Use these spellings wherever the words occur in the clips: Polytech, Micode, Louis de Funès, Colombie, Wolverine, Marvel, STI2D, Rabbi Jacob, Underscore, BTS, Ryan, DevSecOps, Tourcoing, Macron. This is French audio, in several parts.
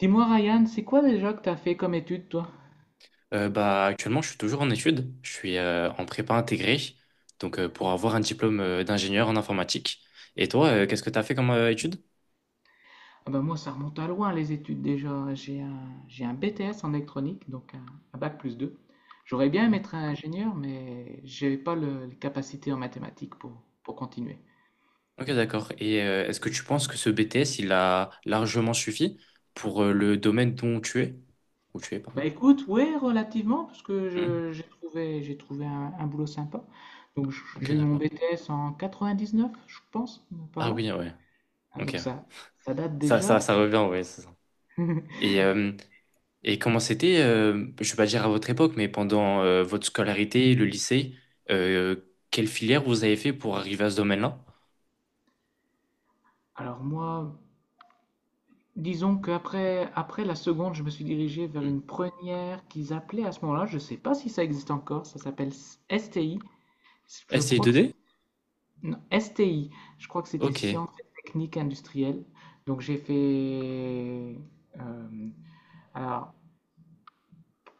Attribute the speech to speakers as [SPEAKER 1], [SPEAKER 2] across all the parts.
[SPEAKER 1] Dis-moi, Ryan, c'est quoi déjà que t'as fait comme études, toi?
[SPEAKER 2] Actuellement, je suis toujours en études. Je suis en prépa intégrée, pour avoir un diplôme d'ingénieur en informatique. Et toi, qu'est-ce que tu as fait comme études?
[SPEAKER 1] Ah ben moi, ça remonte à loin, les études déjà. J'ai un BTS en électronique, donc un bac plus 2. J'aurais bien aimé être ingénieur, mais j'avais pas les capacités en mathématiques pour continuer.
[SPEAKER 2] Ok, d'accord. Et est-ce que tu penses que ce BTS, il a largement suffi pour le domaine dont tu es? Où tu es, pardon.
[SPEAKER 1] Bah écoute, ouais, relativement, parce que
[SPEAKER 2] Hmm.
[SPEAKER 1] j'ai trouvé un boulot sympa. Donc
[SPEAKER 2] Ok,
[SPEAKER 1] j'ai eu mon
[SPEAKER 2] d'accord.
[SPEAKER 1] BTS en 99, je pense, par
[SPEAKER 2] Ah
[SPEAKER 1] là.
[SPEAKER 2] oui, ouais.
[SPEAKER 1] Hein,
[SPEAKER 2] Ok.
[SPEAKER 1] donc ça date
[SPEAKER 2] Ça,
[SPEAKER 1] déjà.
[SPEAKER 2] ça, ça revient, ouais, c'est ça. Et, euh, et comment c'était, je vais pas dire à votre époque, mais pendant votre scolarité, le lycée, euh, quelle filière vous avez fait pour arriver à ce domaine-là?
[SPEAKER 1] Alors moi, disons qu'après après la seconde, je me suis dirigé vers
[SPEAKER 2] Hmm.
[SPEAKER 1] une première qu'ils appelaient à ce moment-là. Je ne sais pas si ça existe encore. Ça s'appelle STI. Je crois que
[SPEAKER 2] STI2D?
[SPEAKER 1] non, STI. Je crois que c'était
[SPEAKER 2] Ok,
[SPEAKER 1] sciences et techniques industrielles. Donc j'ai fait euh, alors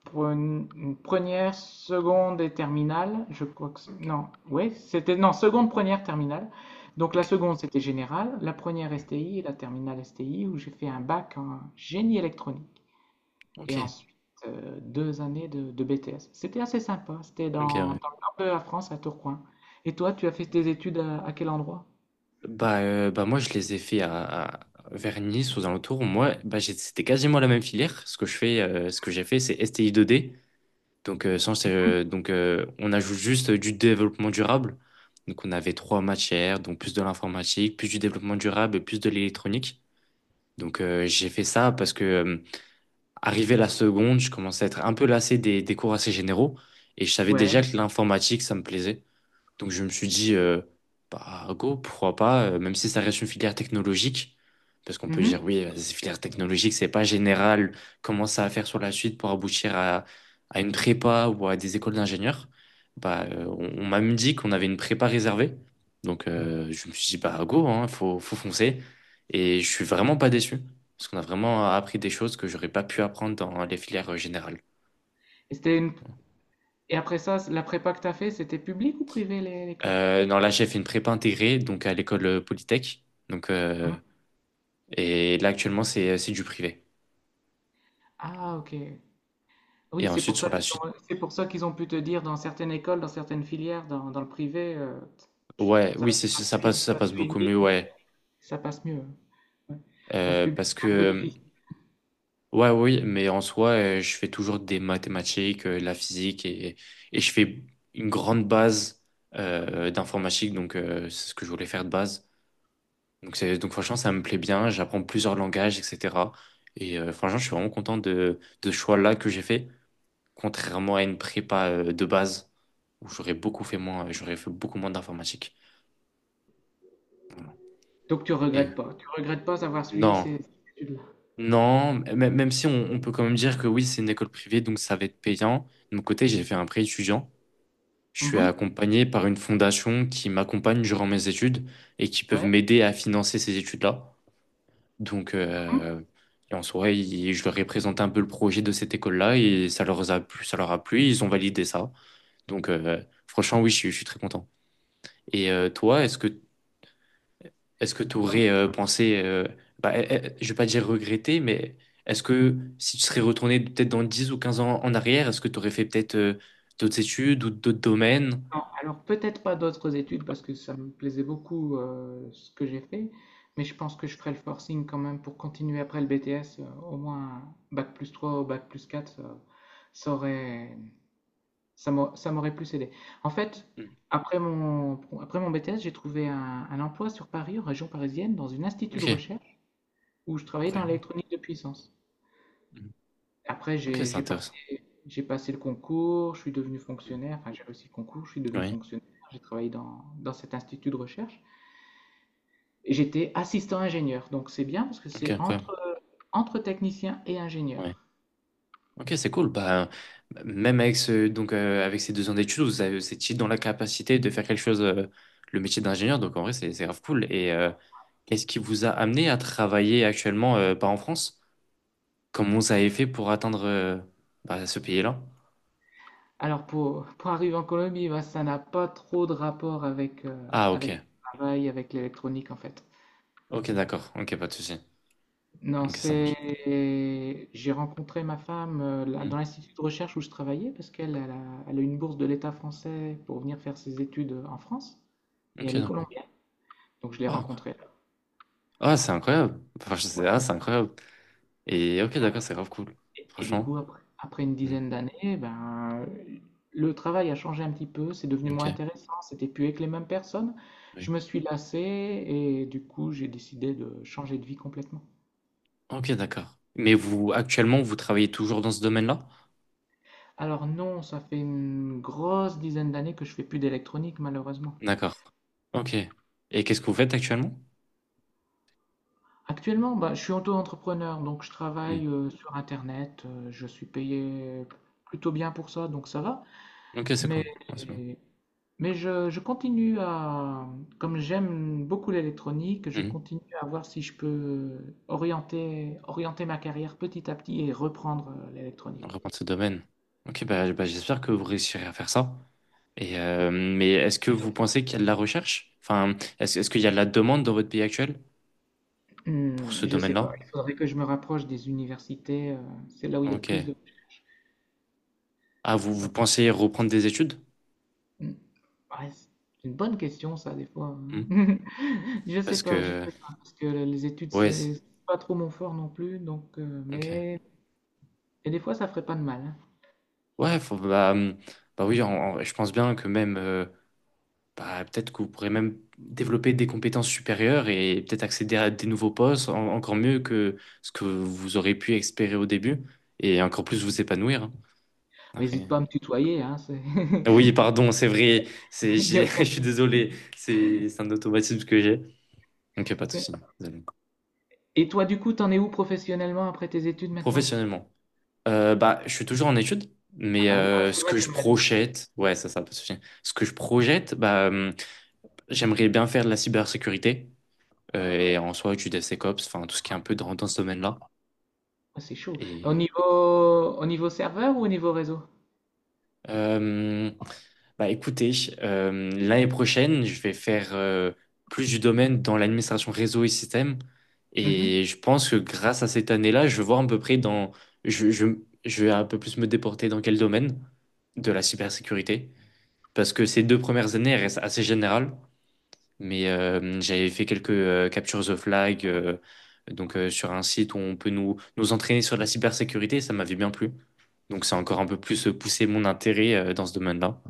[SPEAKER 1] pour une première, seconde et terminale. Je crois que non. Oui, c'était non seconde, première, terminale. Donc la
[SPEAKER 2] ok,
[SPEAKER 1] seconde c'était générale, la première STI et la terminale STI où j'ai fait un bac en génie électronique.
[SPEAKER 2] ok,
[SPEAKER 1] Et ensuite, deux années de BTS. C'était assez sympa. C'était
[SPEAKER 2] ok,
[SPEAKER 1] dans
[SPEAKER 2] ouais.
[SPEAKER 1] le nord de la France, à Tourcoing. Et toi, tu as fait tes études à quel endroit?
[SPEAKER 2] Bah moi, je les ai fait vers Nice, aux alentours. Moi, c'était quasiment la même filière. Ce que je fais, ce que j'ai fait, c'est STI2D. Donc, sans, donc on ajoute juste du développement durable. Donc, on avait trois matières, donc plus de l'informatique, plus du développement durable et plus de l'électronique. Donc, j'ai fait ça parce que, arrivé la seconde, je commençais à être un peu lassé des cours assez généraux. Et je savais déjà
[SPEAKER 1] Ouais.
[SPEAKER 2] que l'informatique, ça me plaisait. Donc je me suis dit, bah go, pourquoi pas, même si ça reste une filière technologique, parce qu'on peut dire,
[SPEAKER 1] Mhm.
[SPEAKER 2] oui, c'est filière technologique, c'est pas général, comment ça va faire sur la suite pour aboutir à une prépa ou à des écoles d'ingénieurs, on m'a même dit qu'on avait une prépa réservée. Donc je me suis dit, bah go, hein, faut foncer. Et je suis vraiment pas déçu, parce qu'on a vraiment appris des choses que j'aurais pas pu apprendre dans les filières générales.
[SPEAKER 1] Et, c'était une- et après ça, la prépa que tu as fait, c'était public ou privé l'école?
[SPEAKER 2] Non, là, j'ai fait une prépa intégrée, donc à l'école Polytech. Donc, euh,
[SPEAKER 1] Mhm.
[SPEAKER 2] Et là, actuellement, c'est du privé.
[SPEAKER 1] Ah, ok. Oui,
[SPEAKER 2] Et ensuite, sur la suite,
[SPEAKER 1] c'est pour ça qu'ils ont pu te dire dans certaines écoles, dans certaines filières, dans le privé, tu-
[SPEAKER 2] ouais,
[SPEAKER 1] ça,
[SPEAKER 2] oui, c'est
[SPEAKER 1] ça suit,
[SPEAKER 2] ça
[SPEAKER 1] ça
[SPEAKER 2] passe
[SPEAKER 1] suit une
[SPEAKER 2] beaucoup mieux,
[SPEAKER 1] ligne et
[SPEAKER 2] ouais.
[SPEAKER 1] ça passe mieux. Ouais. Dans le
[SPEAKER 2] Euh,
[SPEAKER 1] public,
[SPEAKER 2] parce que,
[SPEAKER 1] c'est un peu
[SPEAKER 2] euh,
[SPEAKER 1] difficile.
[SPEAKER 2] ouais, oui, mais en soi, je fais toujours des mathématiques, de la physique, et je fais une grande base d'informatique, donc c'est ce que je voulais faire de base. Donc franchement, ça me plaît bien, j'apprends plusieurs langages, etc. Et franchement, je suis vraiment content de ce choix-là que j'ai fait, contrairement à une prépa de base, où j'aurais fait beaucoup moins d'informatique.
[SPEAKER 1] Donc tu
[SPEAKER 2] Et
[SPEAKER 1] regrettes pas. Tu regrettes pas d'avoir suivi
[SPEAKER 2] Non,
[SPEAKER 1] ces études-là.
[SPEAKER 2] même si on peut quand même dire que oui, c'est une école privée, donc ça va être payant. De mon côté, j'ai fait un prêt étudiant. Je suis
[SPEAKER 1] Mmh.
[SPEAKER 2] accompagné par une fondation qui m'accompagne durant mes études et qui peuvent
[SPEAKER 1] Ouais.
[SPEAKER 2] m'aider à financer ces études-là. Donc,
[SPEAKER 1] Mmh.
[SPEAKER 2] euh, et en soi, je leur ai présenté un peu le projet de cette école-là et ça leur a plu, ça leur a plu, ils ont validé ça. Donc, euh, franchement, oui, je suis très content. Et toi, est-ce que tu
[SPEAKER 1] Non,
[SPEAKER 2] aurais pensé, je vais pas dire regretter, mais est-ce que si tu serais retourné peut-être dans 10 ou 15 ans en arrière, est-ce que tu aurais fait peut-être d'autres études ou d'autres domaines?
[SPEAKER 1] non, alors peut-être pas d'autres études parce que ça me plaisait beaucoup, ce que j'ai fait, mais je pense que je ferai le forcing quand même pour continuer après le BTS, au moins un bac bac+3 ou bac+4, ça aurait ça m'aurait plus aidé. En fait,
[SPEAKER 2] Mm.
[SPEAKER 1] après mon BTS, j'ai trouvé un emploi sur Paris, en région parisienne, dans une institut de
[SPEAKER 2] Ok,
[SPEAKER 1] recherche où je travaillais dans
[SPEAKER 2] incroyable.
[SPEAKER 1] l'électronique de puissance.
[SPEAKER 2] Mm.
[SPEAKER 1] Après,
[SPEAKER 2] Ok,
[SPEAKER 1] j'ai
[SPEAKER 2] c'est
[SPEAKER 1] j'ai
[SPEAKER 2] intéressant.
[SPEAKER 1] passé, j'ai passé le concours, je suis devenu
[SPEAKER 2] Mm.
[SPEAKER 1] fonctionnaire, enfin j'ai réussi le concours, je suis devenu
[SPEAKER 2] Oui,
[SPEAKER 1] fonctionnaire, j'ai travaillé dans cet institut de recherche et j'étais assistant ingénieur. Donc c'est bien parce que
[SPEAKER 2] ok,
[SPEAKER 1] c'est entre,
[SPEAKER 2] incroyable.
[SPEAKER 1] entre technicien et
[SPEAKER 2] Ouais.
[SPEAKER 1] ingénieur.
[SPEAKER 2] Ok, c'est cool. Bah, même avec ce, donc, avec ces 2 ans d'études, vous étiez dans la capacité de faire quelque chose, le métier d'ingénieur, donc en vrai, c'est grave cool. Et qu'est-ce qui vous a amené à travailler actuellement, pas en France? Comment vous avez fait pour atteindre bah, ce pays-là?
[SPEAKER 1] Alors pour arriver en Colombie, bah, ça n'a pas trop de rapport avec,
[SPEAKER 2] Ah, ok.
[SPEAKER 1] avec le travail, avec l'électronique en fait.
[SPEAKER 2] Ok, d'accord. Ok, pas de souci.
[SPEAKER 1] Non,
[SPEAKER 2] Ok, ça marche.
[SPEAKER 1] c'est. J'ai rencontré ma femme là,
[SPEAKER 2] Hmm.
[SPEAKER 1] dans l'institut de recherche où je travaillais parce qu'elle elle a une bourse de l'État français pour venir faire ses études en France. Et
[SPEAKER 2] Ok,
[SPEAKER 1] elle est
[SPEAKER 2] d'accord.
[SPEAKER 1] colombienne, donc je l'ai
[SPEAKER 2] Oh, incroyable.
[SPEAKER 1] rencontrée là.
[SPEAKER 2] Ah, c'est incroyable. Enfin, je sais,
[SPEAKER 1] Ouais.
[SPEAKER 2] ah, c'est incroyable. Et ok, d'accord, c'est grave cool.
[SPEAKER 1] Et du coup,
[SPEAKER 2] Franchement.
[SPEAKER 1] après une
[SPEAKER 2] Hmm.
[SPEAKER 1] dizaine d'années, ben, le travail a changé un petit peu, c'est devenu
[SPEAKER 2] Ok,
[SPEAKER 1] moins intéressant, c'était plus avec les mêmes personnes.
[SPEAKER 2] oui.
[SPEAKER 1] Je me suis lassé et du coup, j'ai décidé de changer de vie complètement.
[SPEAKER 2] Ok, d'accord. Mais vous, actuellement, vous travaillez toujours dans ce domaine-là?
[SPEAKER 1] Alors non, ça fait une grosse dizaine d'années que je fais plus d'électronique, malheureusement.
[SPEAKER 2] D'accord. Ok. Et qu'est-ce que vous faites actuellement?
[SPEAKER 1] Actuellement, bah, je suis auto-entrepreneur, donc je
[SPEAKER 2] Hmm.
[SPEAKER 1] travaille sur Internet, je suis payé plutôt bien pour ça, donc ça va.
[SPEAKER 2] Ok, c'est cool.
[SPEAKER 1] Mais,
[SPEAKER 2] Ouais, c'est bon.
[SPEAKER 1] mais je continue à, comme j'aime beaucoup l'électronique, je
[SPEAKER 2] Hmm.
[SPEAKER 1] continue à voir si je peux orienter ma carrière petit à petit et reprendre
[SPEAKER 2] On
[SPEAKER 1] l'électronique.
[SPEAKER 2] reprend ce domaine. Ok, bah, j'espère que vous réussirez à faire ça. Et mais est-ce que vous pensez qu'il y a de la recherche? Enfin, est-ce qu'il y a de la demande dans votre pays actuel pour ce
[SPEAKER 1] Je sais
[SPEAKER 2] domaine-là?
[SPEAKER 1] pas, il faudrait que je me rapproche des universités, c'est là où il y a le plus
[SPEAKER 2] Ok.
[SPEAKER 1] de...
[SPEAKER 2] Ah, vous
[SPEAKER 1] Donc,
[SPEAKER 2] pensez reprendre des études?
[SPEAKER 1] hmm, ouais, c'est une bonne question ça des fois.
[SPEAKER 2] Hmm.
[SPEAKER 1] Hein.
[SPEAKER 2] Parce
[SPEAKER 1] Je
[SPEAKER 2] que...
[SPEAKER 1] sais pas, parce que les études
[SPEAKER 2] Ouais,
[SPEAKER 1] c'est pas trop mon fort non plus, donc,
[SPEAKER 2] ok.
[SPEAKER 1] mais... Et des fois ça ferait pas de mal. Hein.
[SPEAKER 2] Ouais, faut- bah, hum, bah oui, je pense bien que même... bah, peut-être que vous pourrez même développer des compétences supérieures et peut-être accéder à des nouveaux postes, encore mieux que ce que vous aurez pu espérer au début, et encore plus vous épanouir, hein.
[SPEAKER 1] Hésite
[SPEAKER 2] Après,
[SPEAKER 1] pas à me tutoyer, hein, c'est...
[SPEAKER 2] oui,
[SPEAKER 1] tu-
[SPEAKER 2] pardon, c'est vrai.
[SPEAKER 1] il n'y a
[SPEAKER 2] Je
[SPEAKER 1] aucun
[SPEAKER 2] suis
[SPEAKER 1] souci.
[SPEAKER 2] désolé. C'est un automatisme que j'ai. Donc, pas de souci.
[SPEAKER 1] C'est-
[SPEAKER 2] Désolé.
[SPEAKER 1] Et toi, du coup, t'en es où professionnellement après tes études maintenant?
[SPEAKER 2] Professionnellement, bah, je suis toujours en études,
[SPEAKER 1] Ah
[SPEAKER 2] mais
[SPEAKER 1] bah oui, ah, c'est
[SPEAKER 2] ce
[SPEAKER 1] vrai,
[SPEAKER 2] que
[SPEAKER 1] tu
[SPEAKER 2] je
[SPEAKER 1] me l'as dit.
[SPEAKER 2] projette, ouais, pas de souci. Ce que je projette, j'aimerais bien faire de la cybersécurité et en soi du DevSecOps, enfin tout ce qui est un peu dans ce domaine-là.
[SPEAKER 1] Ah, c'est chaud. Au
[SPEAKER 2] Et
[SPEAKER 1] niveau, serveur ou au niveau réseau?
[SPEAKER 2] euh, bah écoutez, l'année prochaine, je vais faire plus du domaine dans l'administration réseau et système. Et
[SPEAKER 1] Mhm.
[SPEAKER 2] je pense que grâce à cette année-là, je vais voir à peu près dans... Je, je, je vais un peu plus me déporter dans quel domaine de la cybersécurité. Parce que ces deux premières années, elles restent assez générales. Mais j'avais fait quelques captures the flag, sur un site où on peut nous entraîner sur la cybersécurité. Ça m'avait bien plu. Donc ça a encore un peu plus poussé mon intérêt dans ce domaine-là.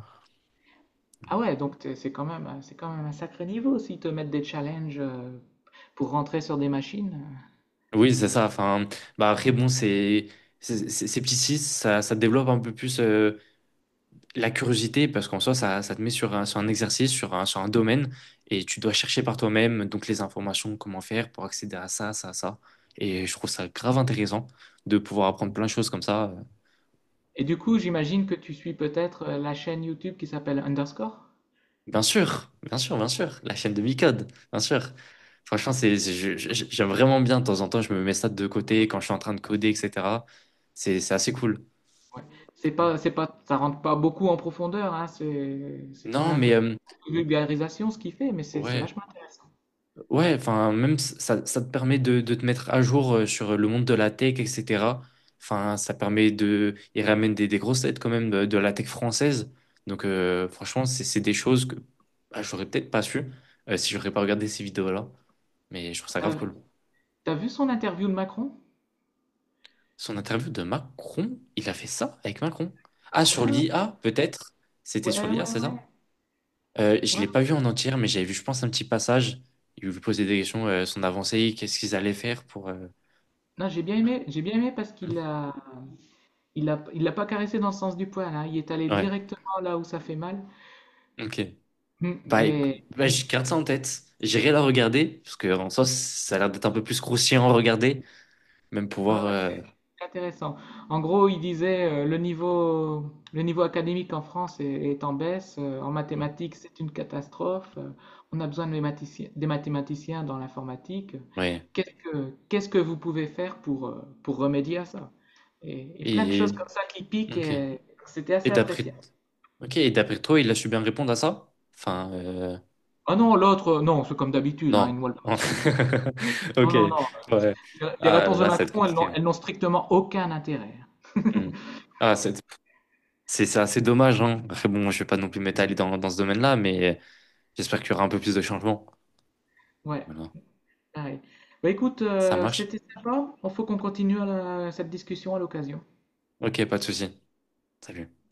[SPEAKER 1] Ah ouais, donc c'est quand même, un sacré niveau s'ils te mettent des challenges pour rentrer sur des machines.
[SPEAKER 2] Oui, c'est ça. Enfin, bah après, ces petits six, ça développe un peu plus la curiosité parce qu'en soi, ça te met sur un exercice, sur un domaine et tu dois chercher par toi-même donc les informations, comment faire pour accéder à ça. Et je trouve ça grave intéressant de pouvoir apprendre plein de choses comme ça.
[SPEAKER 1] Et du coup, j'imagine que tu suis peut-être la chaîne YouTube qui s'appelle Underscore?
[SPEAKER 2] Bien sûr, bien sûr, bien sûr. La chaîne de Micode, bien sûr. Franchement, j'aime vraiment bien. De temps en temps, je me mets ça de côté quand je suis en train de coder, etc. C'est assez cool.
[SPEAKER 1] Ouais. C'est pas, ça rentre pas beaucoup en profondeur, hein, c'est quand
[SPEAKER 2] Non,
[SPEAKER 1] même un
[SPEAKER 2] mais
[SPEAKER 1] peu de vulgarisation ce qu'il fait, mais c'est
[SPEAKER 2] ouais.
[SPEAKER 1] vachement intéressant.
[SPEAKER 2] Ouais, enfin, même ça te permet de te mettre à jour sur le monde de la tech, etc. Enfin, ça permet de. Il ramène des grosses têtes quand même de la tech française. Donc, franchement, c'est des choses que bah, j'aurais peut-être pas su si j'aurais pas regardé ces vidéos-là. Mais je trouve ça grave
[SPEAKER 1] T'as,
[SPEAKER 2] cool.
[SPEAKER 1] t'as vu son interview de Macron?
[SPEAKER 2] Son interview de Macron, il a fait ça avec Macron. Ah, sur
[SPEAKER 1] Ouais,
[SPEAKER 2] l'IA, peut-être. C'était
[SPEAKER 1] ouais,
[SPEAKER 2] sur l'IA,
[SPEAKER 1] ouais,
[SPEAKER 2] c'est ça?
[SPEAKER 1] ouais.
[SPEAKER 2] Je
[SPEAKER 1] Ouais.
[SPEAKER 2] l'ai pas vu en entière, mais j'avais vu, je pense, un petit passage. Il lui posait des questions, son avancée, qu'est-ce qu'ils allaient faire pour.
[SPEAKER 1] Non, j'ai bien aimé parce qu'il l'a pas caressé dans le sens du poil, hein, il est allé
[SPEAKER 2] Ouais.
[SPEAKER 1] directement là où ça fait mal.
[SPEAKER 2] Ok. Bah, éc-
[SPEAKER 1] Et
[SPEAKER 2] bah, je garde ça en tête. J'irai la regarder, parce que en soi, ça a l'air d'être un peu plus croustillant à regarder, même
[SPEAKER 1] ouais,
[SPEAKER 2] pouvoir.
[SPEAKER 1] ouais, c'est intéressant. En gros, il disait le niveau académique en France est en baisse. En mathématiques, c'est une catastrophe. On a besoin de mathématiciens, des mathématiciens dans l'informatique.
[SPEAKER 2] Ouais.
[SPEAKER 1] Qu'est-ce que vous pouvez faire pour remédier à ça? Et plein de choses
[SPEAKER 2] Et.
[SPEAKER 1] comme ça qui piquent
[SPEAKER 2] Ok.
[SPEAKER 1] et c'était
[SPEAKER 2] Et
[SPEAKER 1] assez appréciable.
[SPEAKER 2] d'après. Ok, et d'après toi, il a su bien répondre à ça?
[SPEAKER 1] Ah non, l'autre, non, c'est comme d'habitude, hein,
[SPEAKER 2] Non.
[SPEAKER 1] une voile de maçon, hein. Non,
[SPEAKER 2] Ok,
[SPEAKER 1] non, non.
[SPEAKER 2] ouais.
[SPEAKER 1] Les
[SPEAKER 2] Ah,
[SPEAKER 1] réponses de
[SPEAKER 2] là, ça va être
[SPEAKER 1] Macron, elles
[SPEAKER 2] compliqué,
[SPEAKER 1] n'ont
[SPEAKER 2] hein.
[SPEAKER 1] elles n'ont strictement aucun intérêt.
[SPEAKER 2] Hmm. Ah, c'est assez dommage, hein. Après, bon, je vais pas non plus m'étaler dans ce domaine-là, mais j'espère qu'il y aura un peu plus de changements.
[SPEAKER 1] Ouais.
[SPEAKER 2] Voilà.
[SPEAKER 1] Ah oui. Bah, écoute,
[SPEAKER 2] Ça marche?
[SPEAKER 1] c'était sympa. Il faut qu'on continue cette discussion à l'occasion.
[SPEAKER 2] Ok, pas de souci. Salut.